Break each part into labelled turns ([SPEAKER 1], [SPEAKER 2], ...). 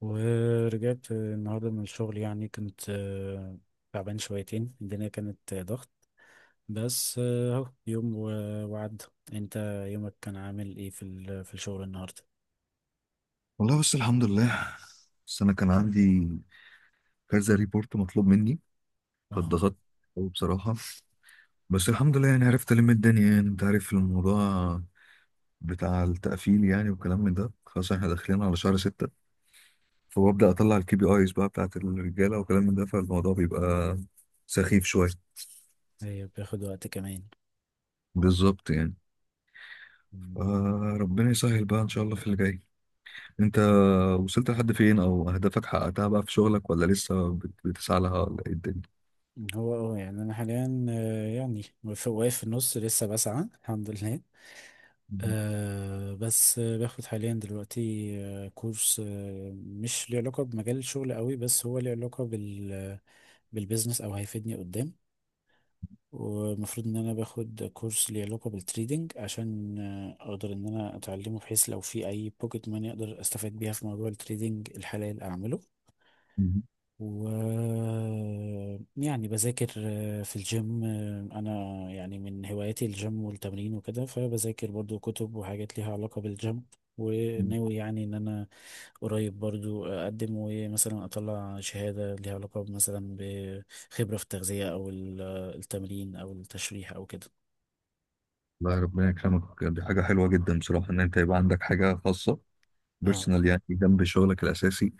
[SPEAKER 1] ورجعت النهاردة من الشغل يعني كنت تعبان شويتين. الدنيا كانت ضغط. بس اهو يوم وعدى. انت يومك كان عامل ايه في الشغل النهاردة؟
[SPEAKER 2] والله بس الحمد لله. بس انا كان عندي كذا ريبورت مطلوب مني،
[SPEAKER 1] اه.
[SPEAKER 2] فاتضغطت أوي بصراحه. بس الحمد لله، يعني عرفت الم الدنيا. يعني انت عارف الموضوع بتاع التقفيل يعني، وكلام من ده. خلاص احنا داخلين على شهر ستة، فببدا اطلع الكي بي ايز بقى بتاعت الرجاله وكلام من ده، فالموضوع بيبقى سخيف شويه.
[SPEAKER 1] هي بياخد وقت كمان.
[SPEAKER 2] بالظبط يعني.
[SPEAKER 1] مم.
[SPEAKER 2] آه، ربنا يسهل بقى ان شاء الله في اللي جاي. انت وصلت لحد فين، او اهدافك حققتها بقى في شغلك، ولا لسه بتسعى لها ولا ايه؟
[SPEAKER 1] هو يعني انا حاليا يعني واقف في النص لسه بسعى الحمد لله. بس باخد حاليا دلوقتي كورس مش ليه علاقة بمجال الشغل قوي، بس هو ليه علاقة بالبيزنس او هيفيدني قدام. ومفروض ان انا باخد كورس ليه علاقة بالتريدينج عشان اقدر ان انا اتعلمه، بحيث لو في اي بوكيت ماني اقدر استفاد بيها في موضوع التريدينج الحلال اعمله.
[SPEAKER 2] الدنيا.
[SPEAKER 1] و يعني بذاكر في الجيم. انا يعني من هواياتي الجيم والتمرين وكده، فبذاكر برضو كتب وحاجات ليها علاقة بالجيم. وناوي يعني ان انا قريب برضو اقدم ومثلا اطلع شهادة ليها علاقة مثلا بخبرة في التغذية او التمرين او التشريح او كده.
[SPEAKER 2] الله، ربنا يكرمك، دي حاجة حلوة جدا بصراحة، إن أنت يبقى عندك حاجة خاصة
[SPEAKER 1] اه.
[SPEAKER 2] بيرسونال يعني، جنب شغلك الأساسي.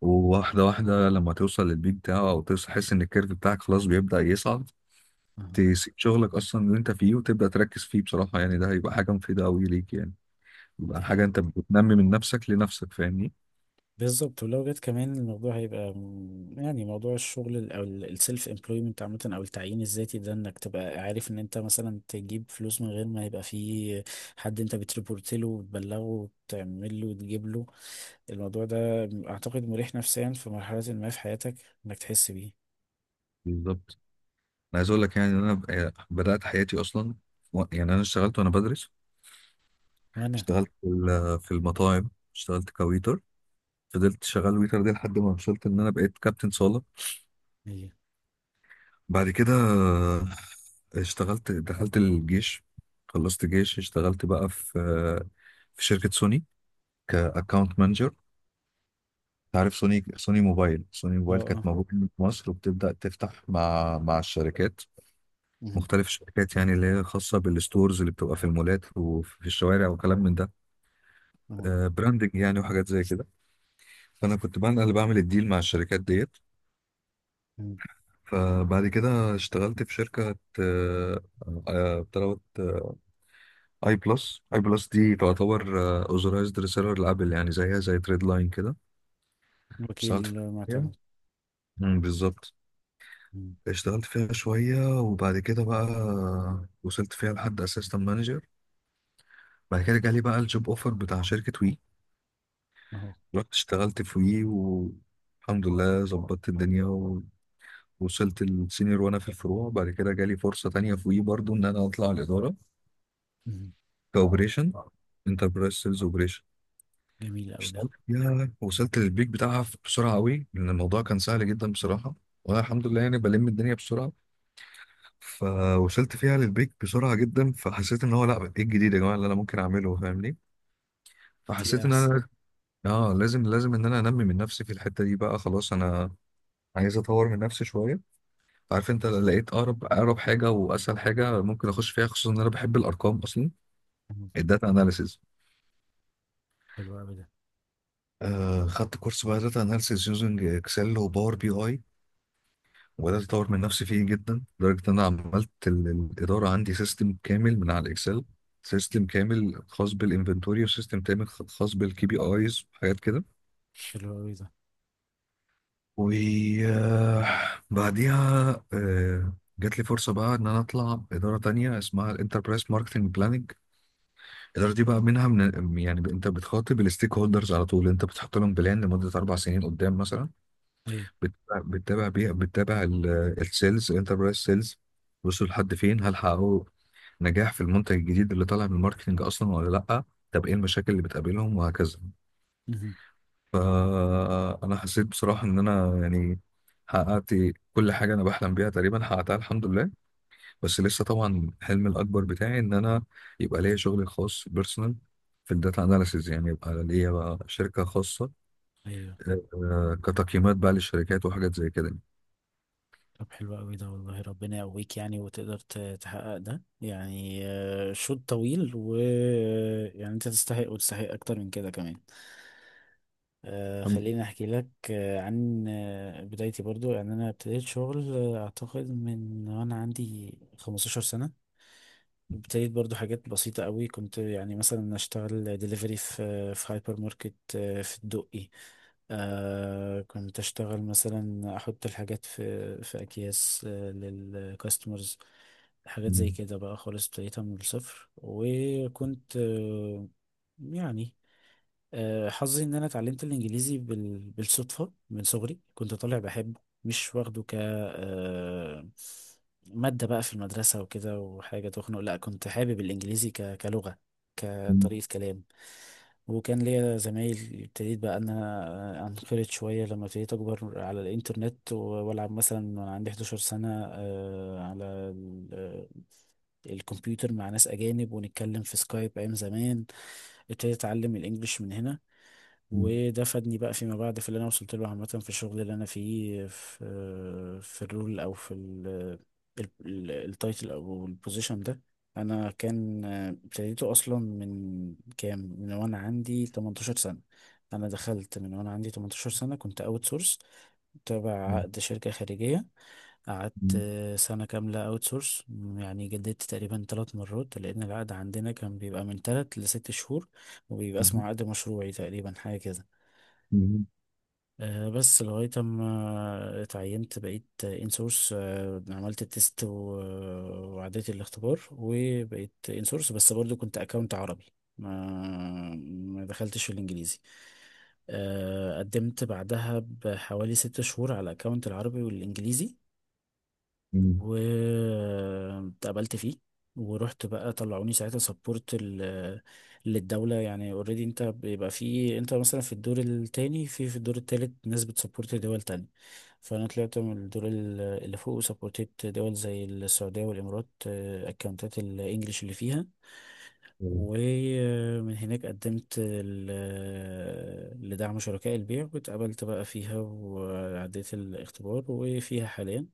[SPEAKER 2] وواحدة واحدة لما توصل للبيك بتاعه، أو تحس إن الكيرف بتاعك خلاص بيبدأ يصعد،
[SPEAKER 1] آه،
[SPEAKER 2] تسيب شغلك أصلا اللي أنت فيه، وتبدأ تركز فيه. بصراحة يعني ده هيبقى حاجة مفيدة أوي ليك يعني، يبقى
[SPEAKER 1] دي
[SPEAKER 2] حاجة
[SPEAKER 1] حاجة.
[SPEAKER 2] أنت بتنمي من نفسك لنفسك، فاهمني؟
[SPEAKER 1] بالظبط، ولو جت كمان الموضوع هيبقى يعني موضوع الشغل او السيلف امبلويمنت عامه، او التعيين الذاتي ده، انك تبقى عارف ان انت مثلا تجيب فلوس من غير ما يبقى في حد انت بتريبورت له وتبلغه وتعمل له وتجيب له. الموضوع ده اعتقد مريح نفسيا في مرحله ما في حياتك، انك تحس بيه.
[SPEAKER 2] بالظبط. أنا عايز أقول لك يعني، إن أنا بدأت حياتي أصلا، يعني أنا اشتغلت وأنا بدرس.
[SPEAKER 1] وانا
[SPEAKER 2] اشتغلت في في المطاعم، اشتغلت كويتر. فضلت شغال ويتر دي لحد ما وصلت ان انا بقيت كابتن صالة.
[SPEAKER 1] ايه.
[SPEAKER 2] بعد كده اشتغلت دخلت الجيش. خلصت جيش، اشتغلت بقى في في شركة سوني، كأكاونت مانجر. عارف سوني، سوني موبايل، سوني
[SPEAKER 1] اه،
[SPEAKER 2] موبايل كانت
[SPEAKER 1] اه.
[SPEAKER 2] موجودة في مصر، وبتبدأ تفتح مع الشركات،
[SPEAKER 1] مهم.
[SPEAKER 2] مختلف الشركات، يعني اللي هي خاصة بالستورز اللي بتبقى في المولات وفي الشوارع وكلام من ده،
[SPEAKER 1] اهو.
[SPEAKER 2] براندنج يعني وحاجات زي كده. فأنا كنت بقى أنا اللي بعمل الديل مع الشركات ديت.
[SPEAKER 1] مهم.
[SPEAKER 2] فبعد كده اشتغلت في شركة بتلوت، اي بلس. اي بلس دي تعتبر اوزرايزد ريسيلر لابل، يعني زيها زي تريد لاين كده. اشتغلت
[SPEAKER 1] وكيل
[SPEAKER 2] فيها.
[SPEAKER 1] معتمد.
[SPEAKER 2] بالظبط.
[SPEAKER 1] مهم.
[SPEAKER 2] اشتغلت فيها شوية، وبعد كده بقى وصلت فيها لحد اسيستنت مانجر. بعد كده جالي بقى الجوب اوفر بتاع شركة وي،
[SPEAKER 1] اهو.
[SPEAKER 2] رحت اشتغلت في وي، والحمد لله ظبطت الدنيا، وصلت السينيور وانا في الفروع. بعد كده جالي فرصة تانية في وي برضو ان انا اطلع الادارة،
[SPEAKER 1] مهم.
[SPEAKER 2] كاوبريشن، انتربرايز سيلز اوبريشن.
[SPEAKER 1] جميل اوي ده.
[SPEAKER 2] اشتغلت فيها، وصلت للبيك بتاعها بسرعه قوي، لان الموضوع كان سهل جدا بصراحه، وانا الحمد لله يعني بلم الدنيا بسرعه. فوصلت فيها للبيك بسرعه جدا، فحسيت ان هو لا، ايه الجديد يا جماعه اللي انا ممكن اعمله، فاهمني؟
[SPEAKER 1] في
[SPEAKER 2] فحسيت ان
[SPEAKER 1] احسن.
[SPEAKER 2] انا، اه، لازم ان انا انمي من نفسي في الحته دي. بقى خلاص انا عايز اطور من نفسي شويه. عارف انت؟ لقيت اقرب حاجه واسهل حاجه ممكن اخش فيها، خصوصا ان انا بحب الارقام اصلا،
[SPEAKER 1] مهم.
[SPEAKER 2] الداتا اناليسز.
[SPEAKER 1] حلو اوي ده.
[SPEAKER 2] آه، خدت كورس بقى داتا اناليسيس يوزنج اكسل وباور بي اي،
[SPEAKER 1] مهم.
[SPEAKER 2] وبدات اطور من نفسي فيه جدا، لدرجه ان انا عملت الاداره عندي سيستم كامل من على الاكسل. سيستم كامل خاص بالانفنتوري، وسيستم كامل خاص بالكي بي ايز وحاجات كده.
[SPEAKER 1] حلو اوي ده.
[SPEAKER 2] وبعديها جات لي فرصة بقى إن أنا أطلع إدارة تانية اسمها الانتربرايز ماركتنج بلاننج. الإدارة دي بقى منها من، يعني أنت بتخاطب الستيك هولدرز على طول، أنت بتحط لهم بلان لمدة أربع سنين قدام مثلا،
[SPEAKER 1] ايه.
[SPEAKER 2] بتتابع بتتابع بيها، بتتابع السيلز، الانتربرايز سيلز، وصلوا لحد فين، هل حققوا نجاح في المنتج الجديد اللي طالع من الماركتنج اصلا ولا لا، طب ايه المشاكل اللي بتقابلهم، وهكذا. فانا حسيت بصراحه ان انا يعني حققت كل حاجه انا بحلم بيها، تقريبا حققتها الحمد لله. بس لسه طبعا حلمي الاكبر بتاعي ان انا يبقى ليا شغلي الخاص بيرسونال في الداتا اناليسيز، يعني يبقى ليا بقى شركه خاصه،
[SPEAKER 1] ايوه.
[SPEAKER 2] كتقييمات بقى للشركات وحاجات زي كده.
[SPEAKER 1] طب حلو قوي ده والله، ربنا يقويك يعني، وتقدر تحقق ده يعني. شوط طويل، يعني انت تستحق، وتستحق اكتر من كده كمان. خليني احكي لك عن بدايتي برضو. يعني انا ابتديت شغل اعتقد من وانا عندي 15 سنة. ابتديت برضو حاجات بسيطة قوي. كنت يعني مثلا اشتغل ديليفري في هايبر ماركت في الدقي. آه، كنت اشتغل مثلا احط الحاجات في اكياس للكاستمرز، حاجات زي كده. بقى خالص ابتديتها من الصفر، وكنت يعني حظي ان انا اتعلمت الانجليزي بالصدفه من صغري. كنت طالع بحبه، مش واخده ك آه، ماده بقى في المدرسه وكده، وحاجه تخنق لا، كنت حابب الانجليزي كلغه، كطريقه كلام. وكان ليا زمايل. ابتديت بقى ان انا انخرط شويه لما ابتديت اكبر على الانترنت، والعب مثلا وانا عندي 11 سنه على الكمبيوتر مع ناس اجانب، ونتكلم في سكايب ايام زمان. ابتديت اتعلم الانجليش من هنا. وده فادني بقى فيما بعد في اللي انا وصلت له عامه، في الشغل اللي انا فيه، في الرول او في ال- التايتل او البوزيشن ده. انا كان ابتديته اصلا من وانا عندي 18 سنه. انا دخلت من وانا عندي 18 سنه، كنت اوت سورس، تابع عقد شركه خارجيه. قعدت سنه كامله اوت سورس. يعني جددت تقريبا ثلاث مرات، لان العقد عندنا كان بيبقى من ثلاث لست شهور، وبيبقى اسمه عقد مشروعي تقريبا، حاجه كده. بس لغاية ما اتعينت بقيت انسورس. عملت التيست وعديت الاختبار، وبقيت انسورس، بس برضو كنت اكونت عربي. ما ما دخلتش في الانجليزي. قدمت بعدها بحوالي ست شهور على الاكونت العربي والانجليزي، واتقبلت فيه. ورحت بقى طلعوني ساعتها سبورت للدولة، يعني اوريدي. انت بيبقى في، انت مثلا في الدور التاني، في الدور التالت، ناس بتسبورت دول تانية. فانا طلعت من الدور اللي فوق، وسبورتيت دول زي السعودية والامارات، اكونتات الانجليش اللي فيها. ومن هناك قدمت لدعم شركاء البيع، واتقبلت بقى فيها وعديت الاختبار، وفيها حاليا.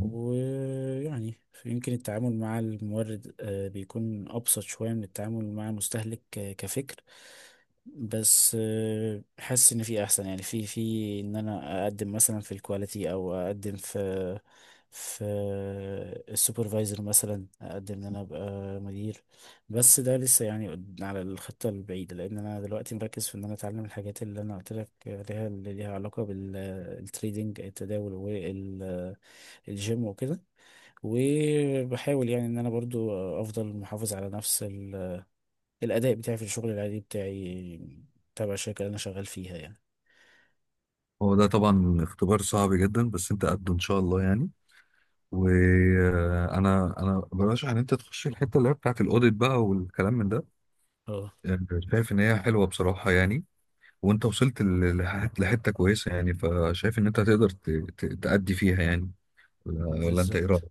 [SPEAKER 1] ويعني يمكن التعامل مع المورد بيكون أبسط شوية من التعامل مع المستهلك كفكر. بس حاسس إن في أحسن، يعني في إن أنا أقدم مثلا في الكواليتي، أو أقدم في السوبرفايزر، مثلا أقدم إن أنا أبقى مدير. بس ده لسه يعني على الخطة البعيدة، لأن أنا دلوقتي مركز في إن أنا أتعلم الحاجات اللي أنا قلت لك عليها، اللي ليها علاقة بالتريدينج، التداول، الجيم وكده. وبحاول يعني ان انا برضو افضل محافظ على نفس الاداء بتاعي في الشغل العادي بتاعي، تبع الشركة اللي انا شغال فيها يعني.
[SPEAKER 2] هو ده طبعا اختبار صعب جدا، بس انت قده ان شاء الله يعني. وانا، انا برشح ان انت تخش الحته اللي هي بتاعت الاوديت بقى والكلام من ده.
[SPEAKER 1] اه،
[SPEAKER 2] يعني شايف ان هي حلوه بصراحه يعني، وانت وصلت لحته كويسه يعني، فشايف ان انت هتقدر تأدي فيها يعني، ولا انت ايه رايك؟
[SPEAKER 1] بالظبط.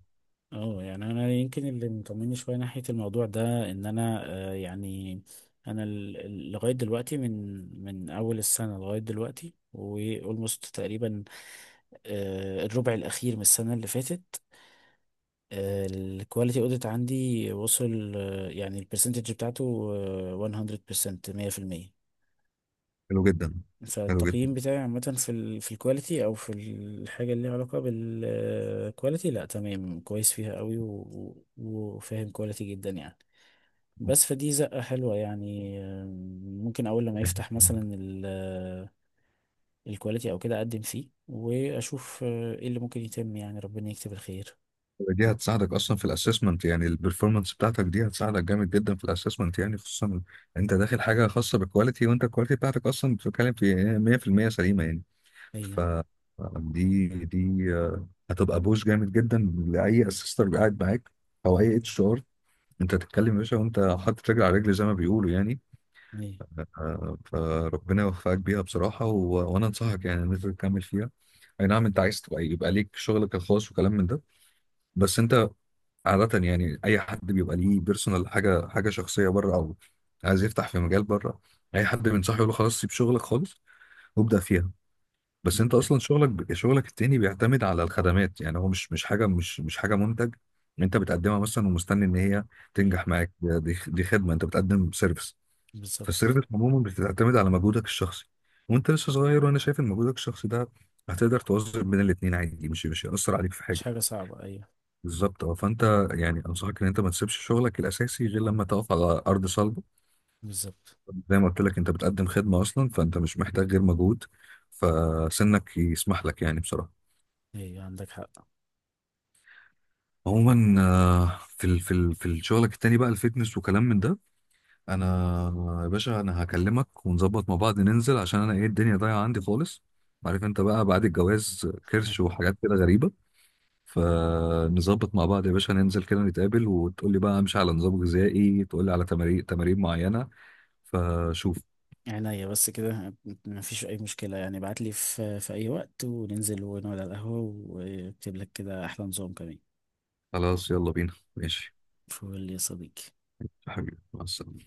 [SPEAKER 1] اه يعني انا يمكن اللي مطمني شوية ناحية الموضوع ده ان انا يعني انا لغاية دلوقتي، من اول السنة لغاية دلوقتي واولموست تقريبا الربع الاخير من السنة اللي فاتت، الكواليتي اوديت عندي وصل يعني البرسنتج بتاعته 100%. 100%
[SPEAKER 2] حلو جدا. حلو جدا.
[SPEAKER 1] فالتقييم بتاعي عامة في الكواليتي، او في الحاجة اللي ليها علاقة بالكواليتي، لا تمام، كويس فيها قوي وفاهم كواليتي جدا يعني. بس فدي زقة حلوة يعني. ممكن اول لما يفتح مثلا الكواليتي او كده اقدم فيه واشوف ايه اللي ممكن يتم، يعني ربنا يكتب الخير.
[SPEAKER 2] دي هتساعدك اصلا في الاسسمنت، يعني البرفورمانس بتاعتك دي هتساعدك جامد جدا في الاسسمنت، يعني خصوصا انت داخل حاجه خاصه بالكواليتي، وانت الكواليتي بتاعتك اصلا بتتكلم في 100% سليمه يعني. ف
[SPEAKER 1] ايوه،
[SPEAKER 2] دي هتبقى بوش جامد جدا لاي اسيستر قاعد معاك، او اي اتش ار. انت تتكلم يا باشا وانت حاطط رجل على رجل زي ما بيقولوا يعني.
[SPEAKER 1] ايوه.
[SPEAKER 2] فربنا يوفقك بيها بصراحه، وانا انصحك يعني ان انت تكمل فيها. اي نعم انت عايز تبقى يبقى ليك شغلك الخاص وكلام من ده، بس انت عادة يعني، أي حد بيبقى ليه بيرسونال، حاجة حاجة شخصية بره، أو عايز يفتح في مجال بره، أي حد بينصحه يقول له خلاص سيب شغلك خالص وابدأ فيها. بس أنت
[SPEAKER 1] مم.
[SPEAKER 2] أصلا شغلك التاني بيعتمد على الخدمات، يعني هو مش حاجة، مش حاجة منتج أنت بتقدمها مثلا ومستني إن هي
[SPEAKER 1] ايوه.
[SPEAKER 2] تنجح معاك. دي دي خدمة، أنت بتقدم سيرفيس.
[SPEAKER 1] بالظبط.
[SPEAKER 2] فالسيرفيس عموما بتعتمد على مجهودك الشخصي، وأنت لسه صغير، وأنا شايف إن مجهودك الشخصي ده هتقدر توظف بين الاتنين عادي، مش هيأثر عليك في حاجة.
[SPEAKER 1] مش حاجة صعبة، أيوة.
[SPEAKER 2] بالظبط. اه، فانت، يعني انصحك ان انت ما تسيبش شغلك الاساسي غير لما تقف على ارض صلبه.
[SPEAKER 1] بالظبط.
[SPEAKER 2] زي ما قلت لك، انت بتقدم خدمه اصلا، فانت مش محتاج غير مجهود، فسنك يسمح لك يعني بصراحه.
[SPEAKER 1] أيوة، عندك حق.
[SPEAKER 2] عموما في ال في ال في شغلك التاني بقى، الفيتنس وكلام من ده، انا يا باشا انا هكلمك ونظبط مع بعض ننزل، عشان انا ايه، الدنيا ضايعه عندي خالص. عارف انت بقى، بعد الجواز كرش وحاجات كده غريبه. فنظبط مع بعض يا باشا ننزل كده نتقابل، وتقول لي بقى امشي على نظام غذائي، تقول لي على تمارين، تمارين معينة، فشوف.
[SPEAKER 1] عينيا بس كده. مفيش أي مشكلة يعني، ابعتلي في أي وقت وننزل ونقعد على القهوة، وأكتب لك كده أحلى نظام كمان.
[SPEAKER 2] خلاص يلا بينا ماشي.
[SPEAKER 1] فول يا صديقي.
[SPEAKER 2] يا حبيبي مع السلامة.